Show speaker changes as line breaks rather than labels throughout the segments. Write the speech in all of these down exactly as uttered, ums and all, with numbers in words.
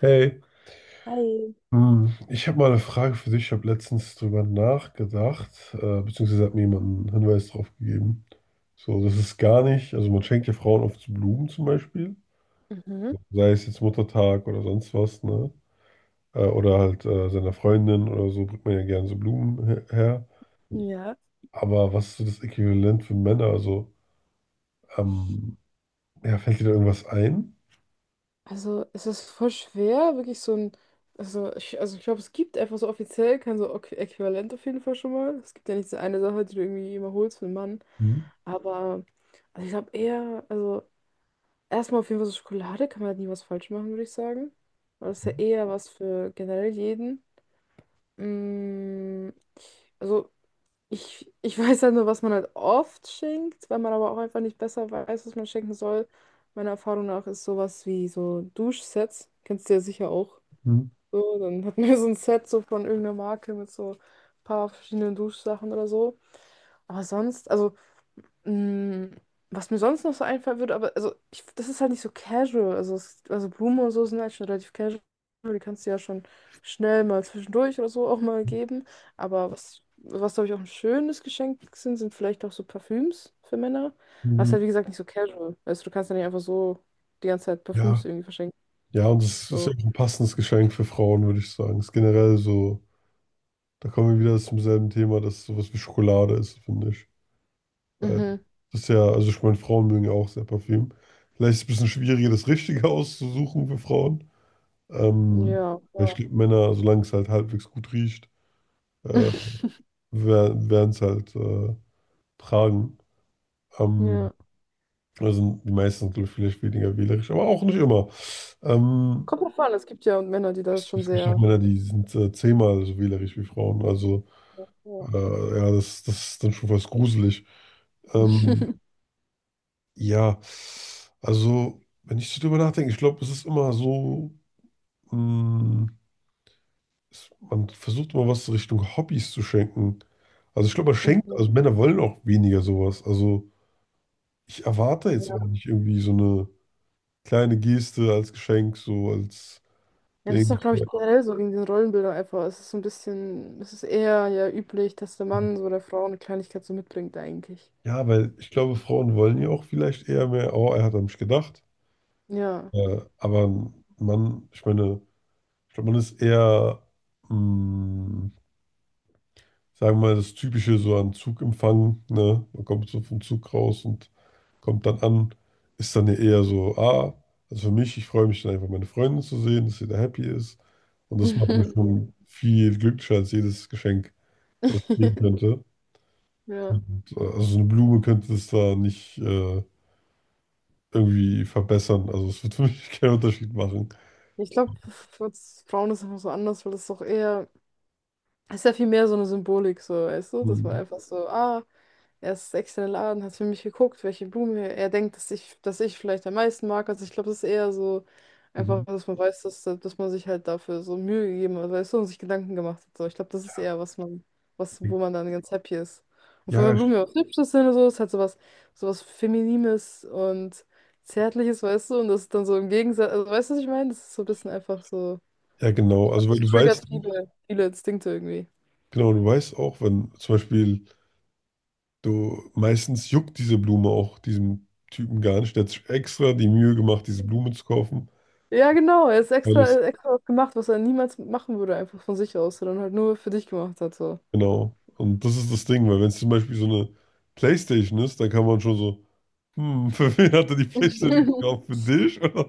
Hey,
Hi.
hm, ich habe mal eine Frage für dich. Ich habe letztens drüber nachgedacht, äh, beziehungsweise hat mir jemand einen Hinweis drauf gegeben. So, das ist gar nicht, also man schenkt ja Frauen oft so Blumen zum Beispiel,
Mhm.
sei es jetzt Muttertag oder sonst was, ne? Äh, oder halt äh, seiner Freundin oder so, bringt man ja gerne so Blumen her. her.
Ja,
Aber was ist so das Äquivalent für Männer? Also, ähm, ja, fällt dir da irgendwas ein?
also es ist voll schwer, wirklich so ein, also ich, also ich glaube, es gibt einfach so offiziell kein so Äqu- Äquivalent auf jeden Fall schon mal. Es gibt ja nicht so eine Sache, die du irgendwie immer holst für einen Mann.
Hm,
Aber also ich glaube eher, also erstmal auf jeden Fall so Schokolade kann man halt nie was falsch machen, würde ich sagen. Weil das ist ja
hm,
eher was für generell jeden. Mm, also Ich, ich weiß halt nur, was man halt oft schenkt, weil man aber auch einfach nicht besser weiß, was man schenken soll. Meiner Erfahrung nach ist sowas wie so Duschsets. Kennst du ja sicher auch.
hm,
So, dann hat man ja so ein Set so von irgendeiner Marke mit so ein paar verschiedenen Duschsachen oder so. Aber sonst, also Mm, Was mir sonst noch so einfallen würde, aber also ich, das ist halt nicht so casual. Also, es, also Blumen und so sind halt schon relativ casual. Die kannst du ja schon schnell mal zwischendurch oder so auch mal geben. Aber was, was glaube ich auch ein schönes Geschenk sind, sind vielleicht auch so Parfüms für Männer. Aber es ist
hm.
halt wie gesagt nicht so casual. Also du kannst ja nicht einfach so die ganze Zeit
Ja.
Parfüms irgendwie verschenken.
Ja, und es ist ja
So.
auch ein passendes Geschenk für Frauen, würde ich sagen. Ist generell so, da kommen wir wieder zum selben Thema, dass sowas wie Schokolade ist, finde ich. Weil
Mhm.
das ist ja, also ich meine, Frauen mögen ja auch sehr Parfüm. Vielleicht ist es ein bisschen schwieriger, das Richtige auszusuchen für Frauen. Ähm,
Ja.
ja, ich
Ja.
glaube, Männer, solange es halt halbwegs gut riecht, äh, werden es halt äh, tragen. Ähm,
Ja.
also die meisten sind, glaube ich, vielleicht weniger wählerisch, aber auch nicht immer. Ähm,
Kommt drauf an, es gibt ja Männer, die das schon
es gibt auch
sehr.
Männer, die sind äh, zehnmal so wählerisch wie Frauen. Also
Ja.
Äh, ja, das, das ist dann schon fast gruselig. Ähm, ja, also, wenn ich so drüber nachdenke, ich glaube, es ist immer so, mh, es, man versucht immer was Richtung Hobbys zu schenken. Also, ich glaube, man schenkt, also
Mhm.
Männer wollen auch weniger sowas. Also, ich erwarte jetzt
Ja.
auch nicht irgendwie so eine kleine Geste als Geschenk, so als
Ja, das ist
Ding.
doch, glaube ich, generell so wegen den Rollenbildern einfach. Es ist so ein bisschen, es ist eher ja üblich, dass der Mann so der Frau eine Kleinigkeit so mitbringt, eigentlich.
Ja, weil ich glaube, Frauen wollen ja auch vielleicht eher mehr, oh, er hat an mich gedacht.
Ja.
Äh, aber ein Mann, ich meine. Ich glaube, man ist eher, mh, sagen wir mal, das Typische so an Zugempfang, ne? Man kommt so vom Zug raus und kommt dann an, ist dann ja eher so, ah, also für mich, ich freue mich dann einfach, meine Freundin zu sehen, dass sie da happy ist. Und das macht mir
Ja.
schon viel glücklicher als jedes Geschenk, was ich kriegen könnte.
Ja.
Und, äh, also so eine Blume könnte es da nicht äh, irgendwie verbessern. Also es wird für mich keinen Unterschied machen.
Ich glaube, für uns Frauen ist es einfach so anders, weil das ist doch eher, es ist ja viel mehr so eine Symbolik, so, weißt du, dass man
Mhm.
einfach so, ah. Er ist extra in den Laden, hat für mich geguckt, welche Blume er denkt, dass ich, dass ich vielleicht am meisten mag. Also ich glaube, das ist eher so
Mhm.
einfach, dass man weiß, dass, dass man sich halt dafür so Mühe gegeben hat, weißt du, und sich Gedanken gemacht hat. So, ich glaube, das ist eher, was man, was, wo man dann ganz happy ist. Und von der
Ja,
Blume was Hübsches sind und so, ist halt sowas, sowas Feminines und Zärtliches, weißt du, und das ist dann so im Gegensatz, also weißt du, was ich meine? Das ist so ein bisschen einfach so,
ja, genau.
ich glaube,
Also weil
das
du
triggert
weißt.
viele, viele Instinkte irgendwie.
Genau, du weißt auch, wenn zum Beispiel du meistens juckt diese Blume auch diesem Typen gar nicht. Der hat sich extra die Mühe gemacht, diese Blume zu kaufen.
Ja, genau. Er ist
Weil
extra, er
es,
hat extra was gemacht, was er niemals machen würde, einfach von sich aus, sondern halt nur für dich gemacht hat. So.
genau. Und das ist das Ding, weil wenn es zum Beispiel so eine PlayStation ist, dann kann man schon so, hm, für wen hat er die PlayStation gekauft? Für dich? Oder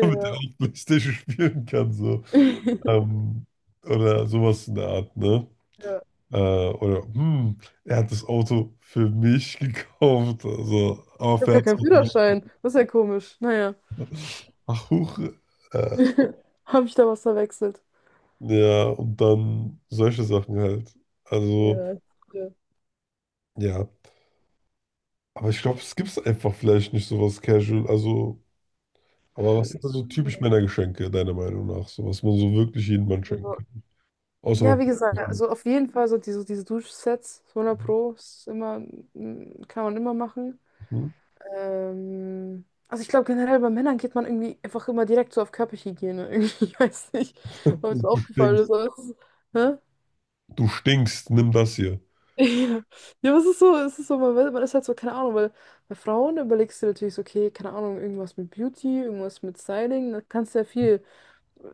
damit er auch PlayStation spielen kann, so. Ähm, oder sowas in der Art, ne?
Ja.
Äh, oder, hm, er hat das Auto für mich gekauft. Also, aber
Ich habe gar
fährt es
keinen
noch.
Führerschein. Das ist ja komisch. Naja.
Ach, huch. Äh,
Habe ich da was verwechselt?
ja, und dann solche Sachen halt. Also,
Ja. Ja,
ja. Aber ich glaube, es gibt einfach vielleicht nicht sowas casual. Also, aber was sind da so typisch Männergeschenke, deiner Meinung nach? So was man so wirklich jedem Mann schenken
also,
kann. Außer.
ja, wie gesagt,
Mhm.
also auf jeden Fall so diese, diese Duschsets, hundert Pro, ist immer, mm, kann man immer machen. Ähm, also ich glaube generell bei Männern geht man irgendwie einfach immer direkt so auf Körperhygiene. Irgendwie, ich weiß nicht, ob es
Du
aufgefallen ist,
stinkst.
aber es ist, hä?
Du stinkst, nimm das hier.
Ja, ja, aber es ist so, es ist so, man, weiß- man ist halt so, keine Ahnung, weil bei Frauen überlegst du natürlich so, okay, keine Ahnung, irgendwas mit Beauty, irgendwas mit Styling, da kannst du ja viel,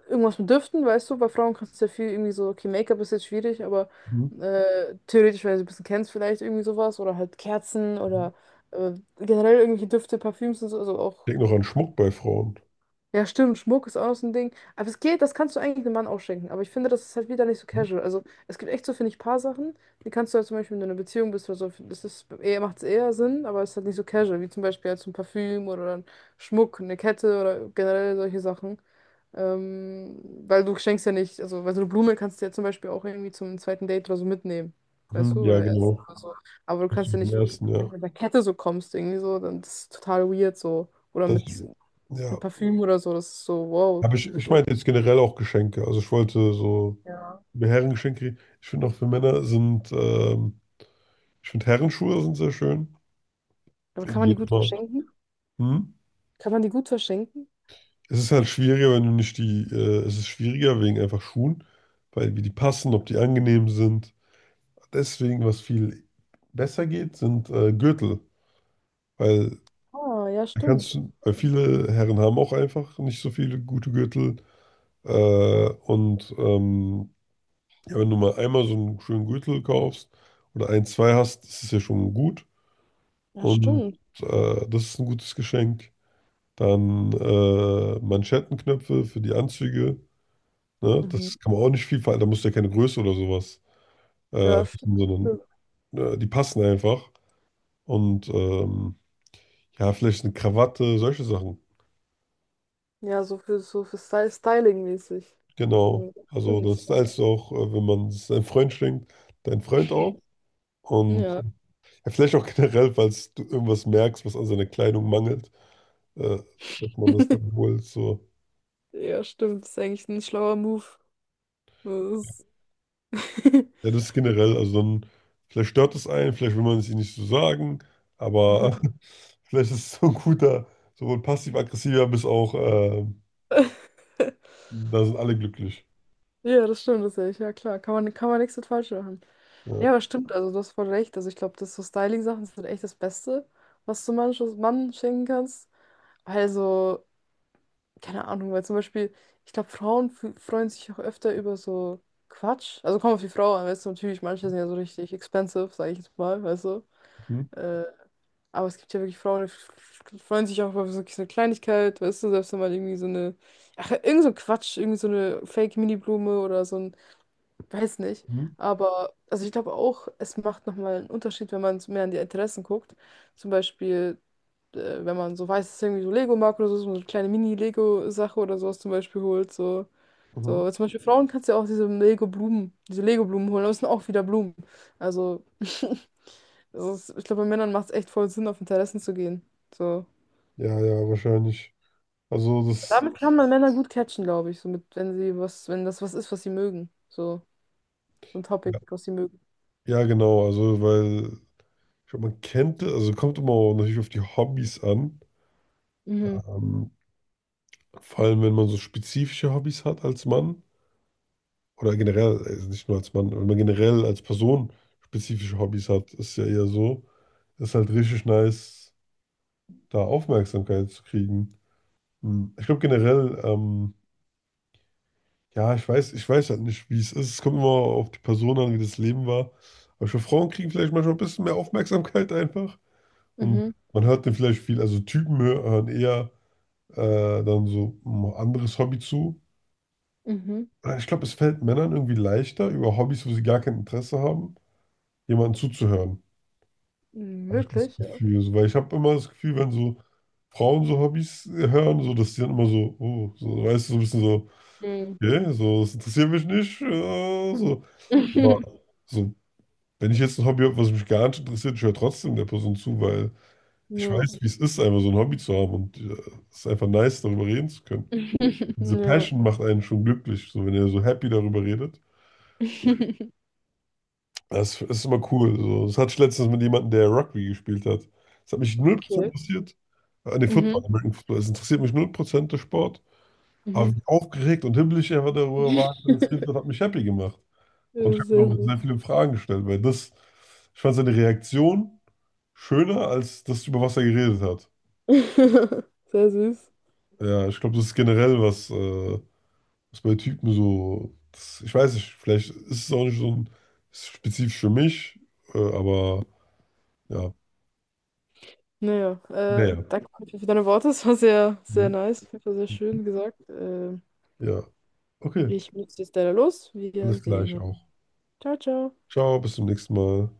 irgendwas mit Düften, weißt du, bei Frauen kannst du ja viel irgendwie so, okay, Make-up ist jetzt schwierig, aber
Mhm.
äh, theoretisch, wenn du es ein bisschen kennst, vielleicht irgendwie sowas oder halt Kerzen oder äh, generell irgendwelche Düfte, Parfüms und so, also auch.
Ich denke noch an Schmuck bei Frauen.
Ja, stimmt, Schmuck ist auch noch so ein Ding. Aber es geht, das kannst du eigentlich einem Mann auch schenken. Aber ich finde, das ist halt wieder nicht so casual. Also, es gibt echt so, finde ich, paar Sachen, die kannst du halt zum Beispiel, wenn du in einer Beziehung bist oder so, das ist eher, macht es eher Sinn, aber es ist halt nicht so casual, wie zum Beispiel halt so ein Parfüm oder ein Schmuck, eine Kette oder generell solche Sachen. Ähm, weil du schenkst ja nicht, also, weil so eine Blume kannst du ja zum Beispiel auch irgendwie zum zweiten Date oder so mitnehmen. Weißt
Mhm.
du,
Ja,
oder erst
genau.
oder so. Aber du
Das ist
kannst ja
im
nicht, wenn
ersten,
du
ja.
mit einer Kette so kommst, irgendwie so, dann das ist es total weird so. Oder
Das,
mit
ja.
ein Parfüm oder so, das ist so, wow.
Aber ich, ich
So.
meinte jetzt generell auch Geschenke. Also ich wollte so
Ja.
mir Herrengeschenke, ich finde auch für Männer sind, ähm, ich finde Herrenschuhe sind sehr schön.
Aber kann man die
Geht
gut
immer.
verschenken?
Hm?
Kann man die gut verschenken?
Es ist halt schwieriger, wenn du nicht die, äh, es ist schwieriger wegen einfach Schuhen, weil wie die passen, ob die angenehm sind. Deswegen, was viel besser geht, sind äh, Gürtel, weil
Ah, ja,
da kannst
stimmt.
du, weil viele Herren haben auch einfach nicht so viele gute Gürtel. Äh, und ähm, ja, wenn du mal einmal so einen schönen Gürtel kaufst oder ein, zwei hast, ist es ja schon gut.
Ja,
Und
stimmt.
äh, das ist ein gutes Geschenk. Dann äh, Manschettenknöpfe für die Anzüge. Ne?
Mhm.
Das kann man auch nicht viel verändern. Da musst du ja keine Größe oder sowas äh,
Ja,
wissen,
stimmt.
sondern
stimmt.
äh, die passen einfach. Und ähm, ja, vielleicht eine Krawatte, solche Sachen.
Ja, so für, so für Sty- Styling-mäßig. Ja,
Genau. Also
stimmt.
das heißt auch, äh, wenn man es deinem Freund schenkt, dein Freund auch. Und
Ja.
ja, vielleicht auch generell, falls du irgendwas merkst, was an seiner Kleidung mangelt, äh, dass man das dann holt. So.
Ja, stimmt. Ist eigentlich ein schlauer Move. Das ist-
Ja, das ist generell, also dann, vielleicht stört es einen, vielleicht will man es ihnen nicht so sagen, aber vielleicht ist es so ein guter, sowohl passiv-aggressiver bis auch, äh, da sind alle glücklich.
Ja, das stimmt, das ist echt. Ja, klar. Kann man, kann man nichts mit falsch machen. Ja,
Ja.
aber stimmt, also du hast voll recht. Also ich glaube, das so Styling-Sachen sind echt das Beste, was du manches Mann schenken kannst. Weil so, keine Ahnung, weil zum Beispiel, ich glaube, Frauen f- freuen sich auch öfter über so Quatsch. Also kommt auf die Frau an, weißt du, natürlich, manche sind ja so richtig expensive, sage ich jetzt mal, weißt du.
Mhm.
Äh, aber es gibt ja wirklich Frauen, die f- f- freuen sich auch über so eine Kleinigkeit, weißt du, selbst wenn man irgendwie so eine, ach, irgend so ein Quatsch, irgendwie so eine Fake-Mini-Blume oder so ein. Weiß nicht.
Mhm.
Aber also ich glaube auch, es macht nochmal einen Unterschied, wenn man so mehr an die Interessen guckt. Zum Beispiel, äh, wenn man so weiß, dass es irgendwie so Lego mag oder so, so eine kleine Mini-Lego-Sache oder sowas zum Beispiel holt. So,
Mhm.
so zum Beispiel Frauen kannst du ja auch diese Lego-Blumen, diese Lego-Blumen holen, aber es sind auch wieder Blumen. Also, das ist, ich glaube, bei Männern macht es echt voll Sinn, auf Interessen zu gehen. So.
Ja, ja, wahrscheinlich. Also das,
Damit kann man Männer gut catchen, glaube ich. So mit, wenn sie was, wenn das was ist, was sie mögen. So, so ein Topic,
ja,
was sie mögen.
ja, genau, also weil, ich glaube, man kennt, also kommt immer auch natürlich auf die Hobbys an,
Mhm,
ähm, vor allem wenn man so spezifische Hobbys hat als Mann. Oder generell, also nicht nur als Mann, wenn man generell als Person spezifische Hobbys hat, ist ja eher so, ist halt richtig nice, da Aufmerksamkeit zu kriegen. Hm, Ich glaube generell, ähm, ja, ich weiß, ich weiß halt nicht, wie es ist. Es kommt immer auf die Person an, wie das Leben war. Aber ich glaube, Frauen kriegen vielleicht manchmal ein bisschen mehr Aufmerksamkeit einfach. Und
mhm,
man hört dann vielleicht viel, also Typen hö- hören eher äh, dann so ein anderes Hobby zu.
mhm.
Ich glaube, es fällt Männern irgendwie leichter, über Hobbys, wo sie gar kein Interesse haben, jemanden zuzuhören.
Hm,
Habe ich das
wirklich, ja.
Gefühl. So, weil ich habe immer das Gefühl, wenn so Frauen so Hobbys hören, so, dass die dann immer so, oh, so, weißt du, so ein bisschen so,
Mhm.
okay, so, das interessiert mich nicht, äh, so. Aber so, wenn ich jetzt ein Hobby habe, was mich gar nicht interessiert, ich höre trotzdem der Person zu, weil ich
Ja.
weiß, wie es ist, einfach so ein Hobby zu haben und äh, es ist einfach nice, darüber reden zu können. Diese
Ja.
Passion macht einen schon glücklich, so, wenn er so happy darüber redet. Das ist immer cool. So. Das hatte ich letztens mit jemandem, der Rugby gespielt hat. Das hat mich null Prozent
Okay.
interessiert. An den Football,
Mhm.
American Football. Es interessiert mich null Prozent der Sport. Aber
Mhm.
wie aufgeregt und himmlisch er darüber war, dass er das erzählt hat, hat mich happy gemacht. Und
Ja,
ich habe
sehr
noch sehr
süß.
viele Fragen gestellt, weil das, ich fand seine Reaktion schöner als das, über was er geredet hat.
Sehr süß.
Ja, ich glaube, das ist generell was, äh, was bei Typen so, das, ich weiß nicht, vielleicht ist es auch nicht so ein, spezifisch für mich, äh, aber ja,
Naja, äh,
naja.
danke auf jeden Fall für deine Worte. Es war sehr, sehr
Mhm.
nice. Auf jeden Fall sehr schön gesagt. Äh,
Ja, okay.
ich muss jetzt leider los. Wir
Alles
sehen
gleich
uns.
auch.
Ciao, ciao.
Ciao, bis zum nächsten Mal.